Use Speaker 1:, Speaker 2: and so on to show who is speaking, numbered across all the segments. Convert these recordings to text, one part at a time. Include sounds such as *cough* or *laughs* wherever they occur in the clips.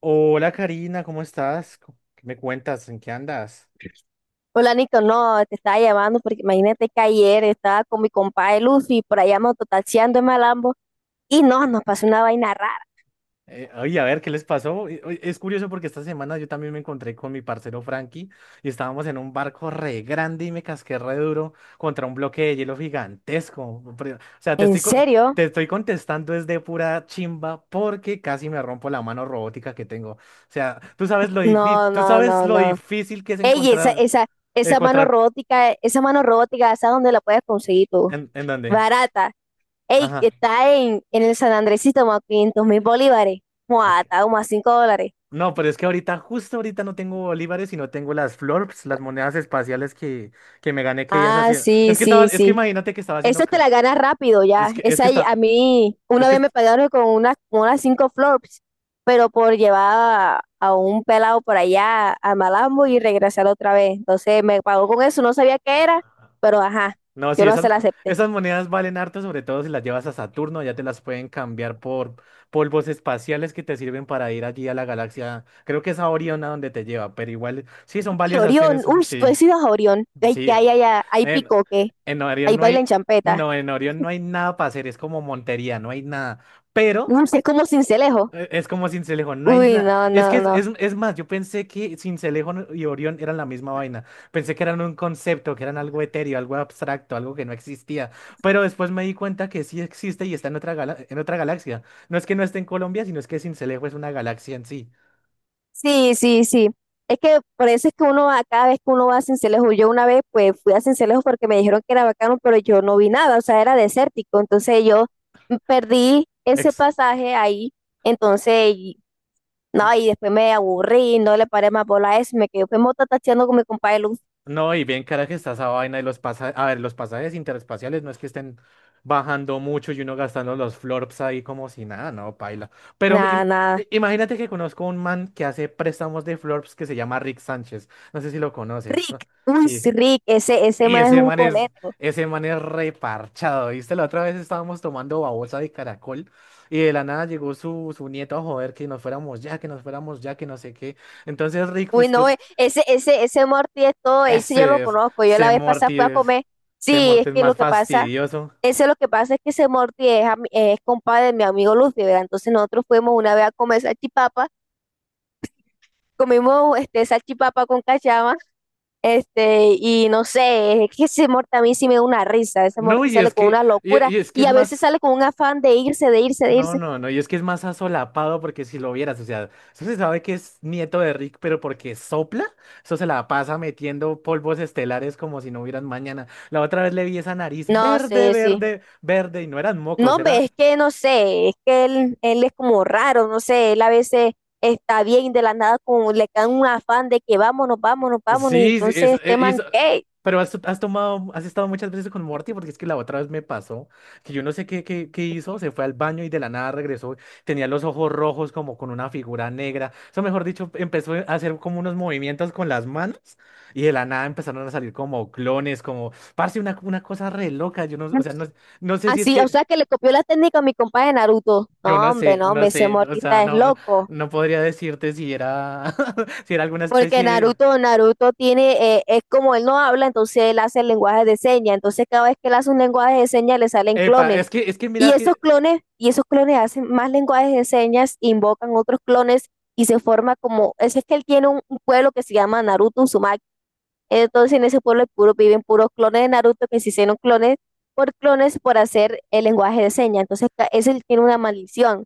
Speaker 1: Hola Karina, ¿cómo estás? ¿Qué me cuentas? ¿En qué andas?
Speaker 2: Hola, Nico, no, te estaba llamando porque imagínate que ayer estaba con mi compadre Luffy por allá mototaxiando en Malambo y no, nos pasó una vaina rara.
Speaker 1: Oye, a ver, ¿qué les pasó? Oye, es curioso porque esta semana yo también me encontré con mi parcero Frankie y estábamos en un barco re grande y me casqué re duro contra un bloque de hielo gigantesco. Pero, o sea, te
Speaker 2: ¿En
Speaker 1: estoy, co-
Speaker 2: serio?
Speaker 1: te estoy contestando es de pura chimba porque casi me rompo la mano robótica que tengo. O sea, tú sabes lo difícil,
Speaker 2: No,
Speaker 1: tú
Speaker 2: no,
Speaker 1: sabes
Speaker 2: no,
Speaker 1: lo
Speaker 2: no.
Speaker 1: difícil que es
Speaker 2: Ey,
Speaker 1: encontrar, encontrar,
Speaker 2: esa mano robótica, ¿sabes dónde la puedes conseguir tú?
Speaker 1: ¿en dónde?
Speaker 2: Barata. Ey,
Speaker 1: Ajá.
Speaker 2: está en el San Andresito, como a 500 mil bolívares. Mua,
Speaker 1: Ok.
Speaker 2: está como a $5.
Speaker 1: No, pero es que ahorita, justo ahorita no tengo bolívares, sino tengo las florps, las monedas espaciales que me gané que ellas
Speaker 2: Ah,
Speaker 1: hacían.
Speaker 2: sí,
Speaker 1: Es que estaba,
Speaker 2: sí,
Speaker 1: es que
Speaker 2: sí.
Speaker 1: imagínate que estaba haciendo.
Speaker 2: Esa te la ganas rápido ya.
Speaker 1: Es que
Speaker 2: Esa, a
Speaker 1: está.
Speaker 2: mí
Speaker 1: Es
Speaker 2: una vez
Speaker 1: que.
Speaker 2: me pagaron con unas 5 flops, pero por llevar a un pelado por allá a Malambo y regresar otra vez. Entonces me pagó con eso, no sabía qué era, pero ajá,
Speaker 1: No,
Speaker 2: yo
Speaker 1: sí,
Speaker 2: no
Speaker 1: esas,
Speaker 2: se la acepté.
Speaker 1: esas monedas valen harto, sobre todo si las llevas a Saturno, ya te las pueden cambiar por polvos espaciales que te sirven para ir allí a la galaxia. Creo que es a Orión a donde te lleva, pero igual, sí, son
Speaker 2: Uy,
Speaker 1: valiosas,
Speaker 2: Orión,
Speaker 1: tienes,
Speaker 2: uy, tú
Speaker 1: sí,
Speaker 2: has ido a Orión. Ay, que
Speaker 1: sí.
Speaker 2: hay allá, hay
Speaker 1: En,
Speaker 2: picoque,
Speaker 1: en Orión
Speaker 2: hay
Speaker 1: no
Speaker 2: baila en
Speaker 1: hay,
Speaker 2: champeta.
Speaker 1: no, en Orión no hay nada para hacer, es como Montería, no hay nada. Pero,
Speaker 2: Uy, es como Cincelejo.
Speaker 1: Es como Sincelejo, no hay
Speaker 2: Uy,
Speaker 1: nada.
Speaker 2: no,
Speaker 1: Es que
Speaker 2: no, no.
Speaker 1: es más, yo pensé que Sincelejo y Orión eran la misma vaina. Pensé que eran un concepto, que eran algo etéreo, algo abstracto, algo que no existía. Pero después me di cuenta que sí existe y está en otra en otra galaxia. No es que no esté en Colombia, sino es que Sincelejo es una galaxia en sí.
Speaker 2: Sí, sí, sí. Es que por eso es que uno va, cada vez que uno va a Sincelejo. Yo una vez pues fui a Sincelejo porque me dijeron que era bacano, pero yo no vi nada, o sea, era desértico. Entonces yo perdí ese pasaje ahí, entonces, no, y después me aburrí, no le paré más bola a eso, me quedé fue mota tacheando con mi compadre Luz.
Speaker 1: No, y bien cara que está esa vaina y los pasajes, a ver, los pasajes interespaciales no es que estén bajando mucho y uno gastando los florps ahí como si nada, no, paila. Pero
Speaker 2: Nada, nada.
Speaker 1: imagínate que conozco un man que hace préstamos de florps que se llama Rick Sánchez. No sé si lo conoces, ¿no?
Speaker 2: Rick, uy,
Speaker 1: Sí.
Speaker 2: sí, Rick, ese
Speaker 1: Y
Speaker 2: más es
Speaker 1: ese
Speaker 2: un
Speaker 1: man es,
Speaker 2: coleto.
Speaker 1: ese man es reparchado, ¿viste? La otra vez estábamos tomando babosa de caracol y de la nada llegó su nieto a joder que nos fuéramos ya, que no sé qué. Entonces, Rick,
Speaker 2: Uy,
Speaker 1: pues
Speaker 2: no,
Speaker 1: tú,
Speaker 2: ese Morty es todo, ese yo lo
Speaker 1: ese es,
Speaker 2: conozco, yo la
Speaker 1: ese
Speaker 2: vez pasada
Speaker 1: Morty
Speaker 2: fui a
Speaker 1: es,
Speaker 2: comer.
Speaker 1: ese
Speaker 2: Sí, es
Speaker 1: es
Speaker 2: que lo
Speaker 1: más
Speaker 2: que pasa.
Speaker 1: fastidioso.
Speaker 2: Eso es lo que pasa es que ese Morty es, es compadre de mi amigo Luffy, ¿verdad? Entonces nosotros fuimos una vez a comer salchipapa, comimos este salchipapa con cachama, este, y no sé, es que ese Morty a mí sí me da una risa, ese
Speaker 1: No,
Speaker 2: Morty
Speaker 1: y
Speaker 2: sale
Speaker 1: es
Speaker 2: con
Speaker 1: que,
Speaker 2: una
Speaker 1: y,
Speaker 2: locura
Speaker 1: y es que
Speaker 2: y
Speaker 1: es
Speaker 2: a veces
Speaker 1: más,
Speaker 2: sale con un afán de irse, de irse, de
Speaker 1: no,
Speaker 2: irse.
Speaker 1: no, no, y es que es más asolapado porque si lo vieras, o sea, eso se sabe que es nieto de Rick, pero porque sopla, eso se la pasa metiendo polvos estelares como si no hubieran mañana. La otra vez le vi esa nariz
Speaker 2: No
Speaker 1: verde,
Speaker 2: sé, sí.
Speaker 1: verde, verde, y no eran
Speaker 2: No,
Speaker 1: mocos,
Speaker 2: hombre, es
Speaker 1: era
Speaker 2: que no sé, es que él es como raro, no sé, él a veces está bien de la nada como le cae un afán de que vámonos, vámonos, vámonos, y
Speaker 1: sí, sí,
Speaker 2: entonces
Speaker 1: es,
Speaker 2: este
Speaker 1: y
Speaker 2: man, ¿qué?
Speaker 1: pero has tomado, has estado muchas veces con Morty porque es que la otra vez me pasó que yo no sé qué, qué hizo, se fue al baño y de la nada regresó, tenía los ojos rojos como con una figura negra, eso mejor dicho, empezó a hacer como unos movimientos con las manos y de la nada empezaron a salir como clones, como, parce, una cosa re loca, yo no, o sea, no, no sé si es
Speaker 2: Así, o
Speaker 1: que,
Speaker 2: sea que le copió la técnica a mi compa de Naruto.
Speaker 1: yo
Speaker 2: No,
Speaker 1: no
Speaker 2: hombre,
Speaker 1: sé,
Speaker 2: no,
Speaker 1: no
Speaker 2: hombre, ese
Speaker 1: sé, o sea,
Speaker 2: mortista es
Speaker 1: no,
Speaker 2: loco.
Speaker 1: no podría decirte si era, *laughs* si era alguna
Speaker 2: Porque
Speaker 1: especie... de...
Speaker 2: Naruto tiene, es como él no habla, entonces él hace el lenguaje de señas. Entonces cada vez que él hace un lenguaje de señas le salen
Speaker 1: Epa,
Speaker 2: clones.
Speaker 1: es que
Speaker 2: Y
Speaker 1: mira
Speaker 2: esos
Speaker 1: que,
Speaker 2: clones, y esos clones hacen más lenguajes de señas, invocan otros clones y se forma como, es que él tiene un pueblo que se llama Naruto Uzumaki. Entonces en ese pueblo puro, viven puros clones de Naruto que se hicieron clones por clones por hacer el lenguaje de señas. Entonces ese tiene una maldición.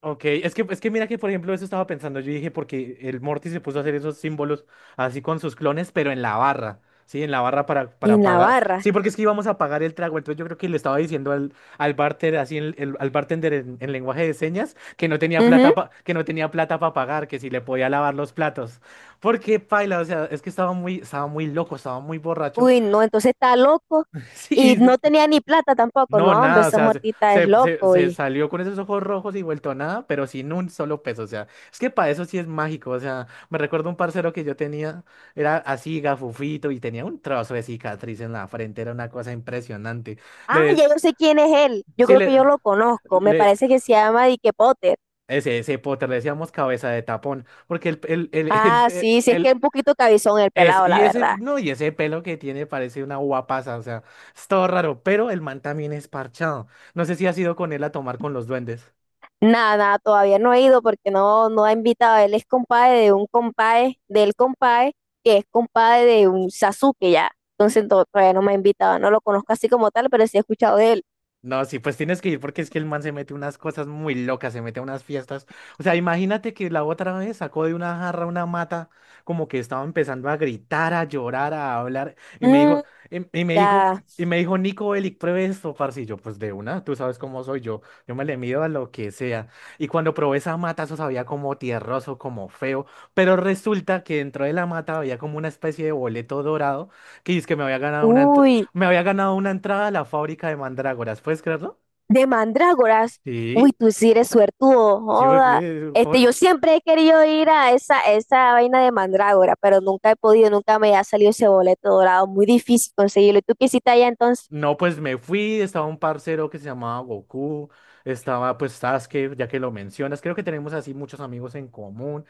Speaker 1: ok, es que mira que por ejemplo eso estaba pensando, yo dije porque el Morty se puso a hacer esos símbolos así con sus clones, pero en la barra, ¿sí? En la barra para
Speaker 2: En la
Speaker 1: pagar.
Speaker 2: barra.
Speaker 1: Sí, porque es que íbamos a pagar el trago, entonces yo creo que le estaba diciendo al barter, así al bartender en lenguaje de señas, que no tenía
Speaker 2: Ujú.
Speaker 1: plata que no tenía plata para pagar, que si le podía lavar los platos. Porque paila, o sea, es que estaba muy loco, estaba muy borracho.
Speaker 2: Uy, no, entonces está loco.
Speaker 1: *laughs* Sí,
Speaker 2: Y no tenía ni plata tampoco.
Speaker 1: no,
Speaker 2: No, hombre,
Speaker 1: nada, o
Speaker 2: esa
Speaker 1: sea, se,
Speaker 2: muertita es
Speaker 1: se, se-
Speaker 2: loco.
Speaker 1: se
Speaker 2: Y...
Speaker 1: salió con esos ojos rojos y vuelto a nada, pero sin un solo peso, o sea, es que para eso sí es mágico, o sea, me recuerdo un parcero que yo tenía, era así gafufito y tenía un trozo de cicatriz en la frente, era una cosa impresionante. Le,
Speaker 2: Ah,
Speaker 1: de-
Speaker 2: ya yo sé quién es él. Yo
Speaker 1: sí,
Speaker 2: creo que yo lo conozco. Me
Speaker 1: le,
Speaker 2: parece que se llama Dick Potter.
Speaker 1: ese Potter le decíamos cabeza de tapón, porque el, *laughs*
Speaker 2: Ah, sí, sí, es que es un poquito cabizón el
Speaker 1: es,
Speaker 2: pelado, la
Speaker 1: y ese,
Speaker 2: verdad.
Speaker 1: no, y ese pelo que tiene parece una guapaza, o sea, es todo raro, pero el man también es parchado. No sé si has ido con él a tomar con los duendes.
Speaker 2: Nada, nada, todavía no he ido porque no, no ha invitado. Él es compadre de un compadre, del compadre, que es compadre de un Sasuke ya. Entonces todavía no me ha invitado. No lo conozco así como tal, pero sí he escuchado de él.
Speaker 1: No, sí, pues tienes que ir porque es que el man se mete unas cosas muy locas, se mete a unas fiestas. O sea, imagínate que la otra vez sacó de una jarra una mata, como que estaba empezando a gritar, a llorar, a hablar, y me dijo,
Speaker 2: Mm,
Speaker 1: y me dijo,
Speaker 2: ya.
Speaker 1: Nico Bellic, pruebe esto, parce. Y yo, pues de una, tú sabes cómo soy yo, yo me le mido a lo que sea. Y cuando probé esa mata, eso sabía como tierroso, como feo, pero resulta que dentro de la mata había como una especie de boleto dorado que dice que me había ganado una,
Speaker 2: Uy,
Speaker 1: me había ganado una entrada a la fábrica de mandrágoras, ¿puedes creerlo?
Speaker 2: de mandrágoras. Uy,
Speaker 1: Sí,
Speaker 2: tú sí eres suertudo,
Speaker 1: sí,
Speaker 2: joda.
Speaker 1: porque...
Speaker 2: Este, yo siempre he querido ir a esa vaina de mandrágora, pero nunca he podido, nunca me ha salido ese boleto dorado. Muy difícil conseguirlo. ¿Y tú qué hiciste allá entonces?
Speaker 1: no, pues me fui, estaba un parcero que se llamaba Goku, estaba pues Sasuke, ya que lo mencionas, creo que tenemos así muchos amigos en común.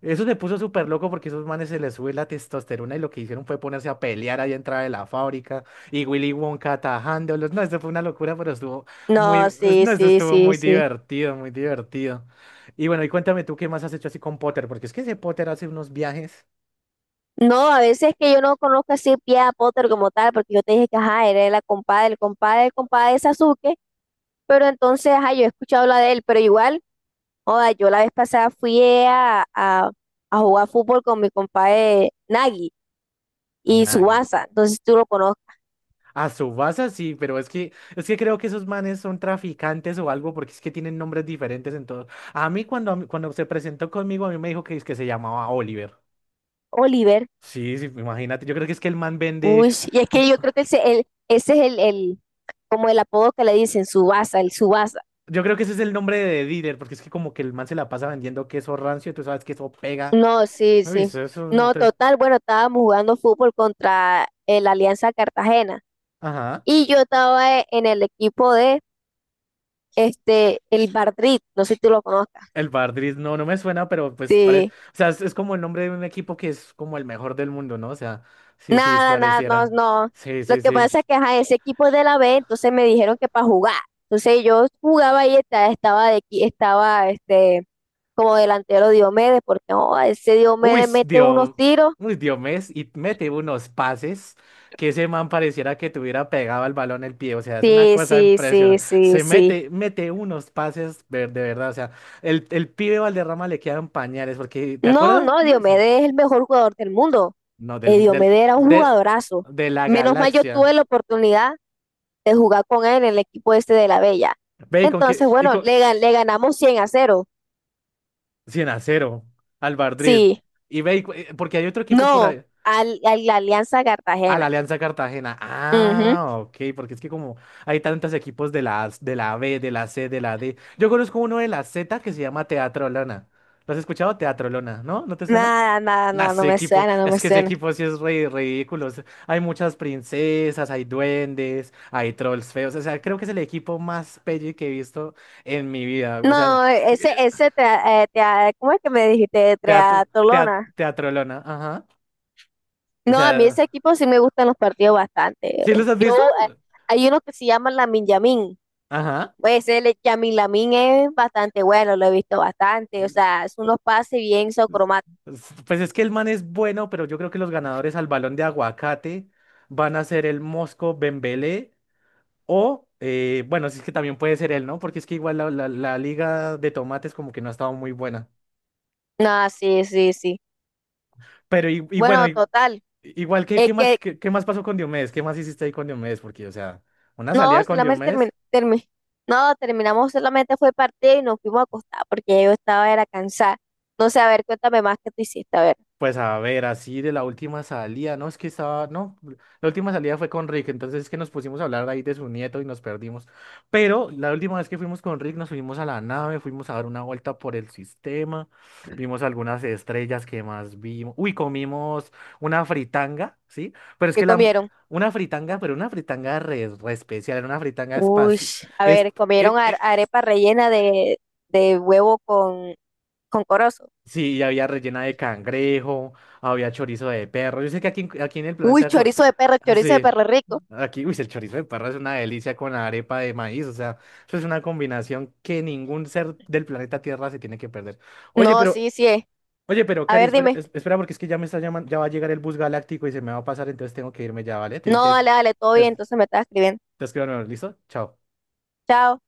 Speaker 1: Eso se puso súper loco porque esos manes se les sube la testosterona y lo que hicieron fue ponerse a pelear allá entrada de la fábrica y Willy Wonka atajándolos. No, eso fue una locura, pero estuvo
Speaker 2: No,
Speaker 1: muy, es-
Speaker 2: sí,
Speaker 1: no, eso
Speaker 2: sí,
Speaker 1: estuvo
Speaker 2: sí,
Speaker 1: muy
Speaker 2: sí.
Speaker 1: divertido, muy divertido. Y bueno, y cuéntame tú qué más has hecho así con Potter, porque es que ese Potter hace unos viajes.
Speaker 2: No, a veces que yo no conozco así Pia Potter como tal, porque yo te dije que, ajá, era la compadre, el compadre, el compadre de Sasuke, pero entonces, ajá, yo he escuchado hablar de él, pero igual, joda, yo la vez pasada fui a jugar fútbol con mi compadre Nagi y
Speaker 1: Nadie.
Speaker 2: Subasa, entonces tú lo conoces,
Speaker 1: A su base sí, pero es que creo que esos manes son traficantes o algo porque es que tienen nombres diferentes en todos. A mí cuando, cuando se presentó conmigo, a mí me dijo que, es que se llamaba Oliver.
Speaker 2: Oliver,
Speaker 1: Sí, sí, imagínate. Yo creo que es que el man vende.
Speaker 2: uy, y es que yo creo que ese es como el apodo que le dicen, Subasa, el Subasa.
Speaker 1: Yo creo que ese es el nombre de dealer, porque es que como que el man se la pasa vendiendo queso rancio, tú sabes que eso pega.
Speaker 2: No, sí,
Speaker 1: Uy,
Speaker 2: sí.
Speaker 1: eso es un.
Speaker 2: No,
Speaker 1: Te-
Speaker 2: total, bueno, estábamos jugando fútbol contra el Alianza Cartagena
Speaker 1: Ajá.
Speaker 2: y yo estaba en el equipo de este, el Bardrit, no sé si tú lo conozcas.
Speaker 1: El Bardris, no, no me suena, pero pues parece.
Speaker 2: Sí.
Speaker 1: O sea, es como el nombre de un equipo que es como el mejor del mundo, ¿no? O sea, sí, sí,
Speaker 2: Nada, nada, no,
Speaker 1: pareciera.
Speaker 2: no.
Speaker 1: Sí,
Speaker 2: Lo
Speaker 1: sí,
Speaker 2: que
Speaker 1: sí.
Speaker 2: pasa es que ajá, ese equipo de la B, entonces me dijeron que para jugar. Entonces yo jugaba y estaba, de, aquí estaba este, como delantero Diomedes, porque oh, ese
Speaker 1: Uy,
Speaker 2: Diomedes mete unos
Speaker 1: Dios,
Speaker 2: tiros.
Speaker 1: uy, Diomedes, y mete unos pases que ese man pareciera que tuviera pegado al balón el pie. O sea, es una
Speaker 2: Sí,
Speaker 1: cosa
Speaker 2: sí, sí,
Speaker 1: impresionante.
Speaker 2: sí,
Speaker 1: Se
Speaker 2: sí.
Speaker 1: mete, mete unos pases de verdad. O sea, el pibe Valderrama le quedan pañales, porque, ¿te
Speaker 2: No,
Speaker 1: acuerdas?
Speaker 2: no,
Speaker 1: No, o sea,
Speaker 2: Diomedes es el mejor jugador del mundo.
Speaker 1: no, del, mu- del,
Speaker 2: Diomedes era un
Speaker 1: de,
Speaker 2: jugadorazo.
Speaker 1: de la
Speaker 2: Menos mal yo
Speaker 1: galaxia.
Speaker 2: tuve la oportunidad de jugar con él en el equipo este de la Bella.
Speaker 1: Ve y con
Speaker 2: Entonces,
Speaker 1: que, y
Speaker 2: bueno,
Speaker 1: con,
Speaker 2: le ganamos 100-0.
Speaker 1: 100 a cero, al Madrid.
Speaker 2: Sí.
Speaker 1: Y ve, y cu- porque hay otro equipo por
Speaker 2: No,
Speaker 1: ahí.
Speaker 2: al, a la Alianza
Speaker 1: A la
Speaker 2: Cartagena.
Speaker 1: Alianza Cartagena.
Speaker 2: Ujú.
Speaker 1: Ah, ok, porque es que como hay tantos equipos de la, de la B, de la C, de la D. Yo conozco uno de la Z que se llama Teatro Lona. ¿Lo has escuchado? Teatro Lona, ¿no? ¿No te suena?
Speaker 2: Nada, nada,
Speaker 1: Nah,
Speaker 2: nada, no
Speaker 1: ese
Speaker 2: me
Speaker 1: equipo,
Speaker 2: suena, no me
Speaker 1: es que ese
Speaker 2: suena.
Speaker 1: equipo sí es re ridículo. Es- hay muchas princesas, hay duendes, hay trolls feos. O sea, creo que es el equipo más pelle que he visto en mi vida. O sea,
Speaker 2: No,
Speaker 1: *laughs*
Speaker 2: ¿cómo es que me dijiste? Triatlona.
Speaker 1: Teatro Lona, ajá. O
Speaker 2: No, a mí
Speaker 1: sea,
Speaker 2: ese equipo sí me gustan los partidos bastante.
Speaker 1: ¿sí los has
Speaker 2: Yo,
Speaker 1: visto?
Speaker 2: hay uno que se llama Lamin Yamin.
Speaker 1: Ajá.
Speaker 2: Pues el Yamin Lamin es bastante bueno, lo he visto bastante. O sea, es unos pases bien socromáticos.
Speaker 1: Pues pues es que el man es bueno, pero yo creo que los ganadores al balón de aguacate van a ser el Mosco Bembélé o, bueno, si es que también puede ser él, ¿no? Porque es que igual la, la liga de tomates como que no ha estado muy buena.
Speaker 2: No, sí, sí, sí.
Speaker 1: Pero y bueno,
Speaker 2: Bueno,
Speaker 1: y-
Speaker 2: total.
Speaker 1: igual, ¿qué,
Speaker 2: Es
Speaker 1: qué más, qué, qué más pasó con Diomedes? ¿Qué más hiciste ahí con Diomedes? Porque, o sea, una
Speaker 2: no,
Speaker 1: salida con
Speaker 2: solamente
Speaker 1: Diomedes.
Speaker 2: no, terminamos, solamente fue partido y nos fuimos a acostar porque yo estaba, era cansada. No sé, a ver, cuéntame más que tú hiciste, a ver,
Speaker 1: Pues a ver, así de la última salida, no, es que estaba, no, la última salida fue con Rick, entonces es que nos pusimos a hablar ahí de su nieto y nos perdimos. Pero la última vez que fuimos con Rick nos subimos a la nave, fuimos a dar una vuelta por el sistema, vimos algunas estrellas que más vimos. Uy, comimos una fritanga, ¿sí? Pero es
Speaker 2: ¿qué
Speaker 1: que la,
Speaker 2: comieron?
Speaker 1: una fritanga, pero una fritanga re, re especial, era una fritanga
Speaker 2: Uy,
Speaker 1: espacial,
Speaker 2: a ver, comieron arepa rellena de huevo con corozo.
Speaker 1: sí, y había rellena de cangrejo, había chorizo de perro. Yo sé que aquí, aquí en el
Speaker 2: Uy,
Speaker 1: planeta... co- ah,
Speaker 2: chorizo de
Speaker 1: sí,
Speaker 2: perro rico.
Speaker 1: aquí, uy, el chorizo de perro es una delicia con la arepa de maíz. O sea, eso es una combinación que ningún ser del planeta Tierra se tiene que perder. Oye,
Speaker 2: No,
Speaker 1: pero,
Speaker 2: sí, sí es.
Speaker 1: oye, pero,
Speaker 2: A
Speaker 1: Cari,
Speaker 2: ver,
Speaker 1: espera,
Speaker 2: dime.
Speaker 1: espera, porque es que ya me está llamando, ya va a llegar el bus galáctico y se me va a pasar, entonces tengo que irme ya, ¿vale?
Speaker 2: No, dale, dale, todo
Speaker 1: Te,
Speaker 2: bien, entonces me estás escribiendo.
Speaker 1: te escribo de nuevo, ¿listo? Chao.
Speaker 2: Chao.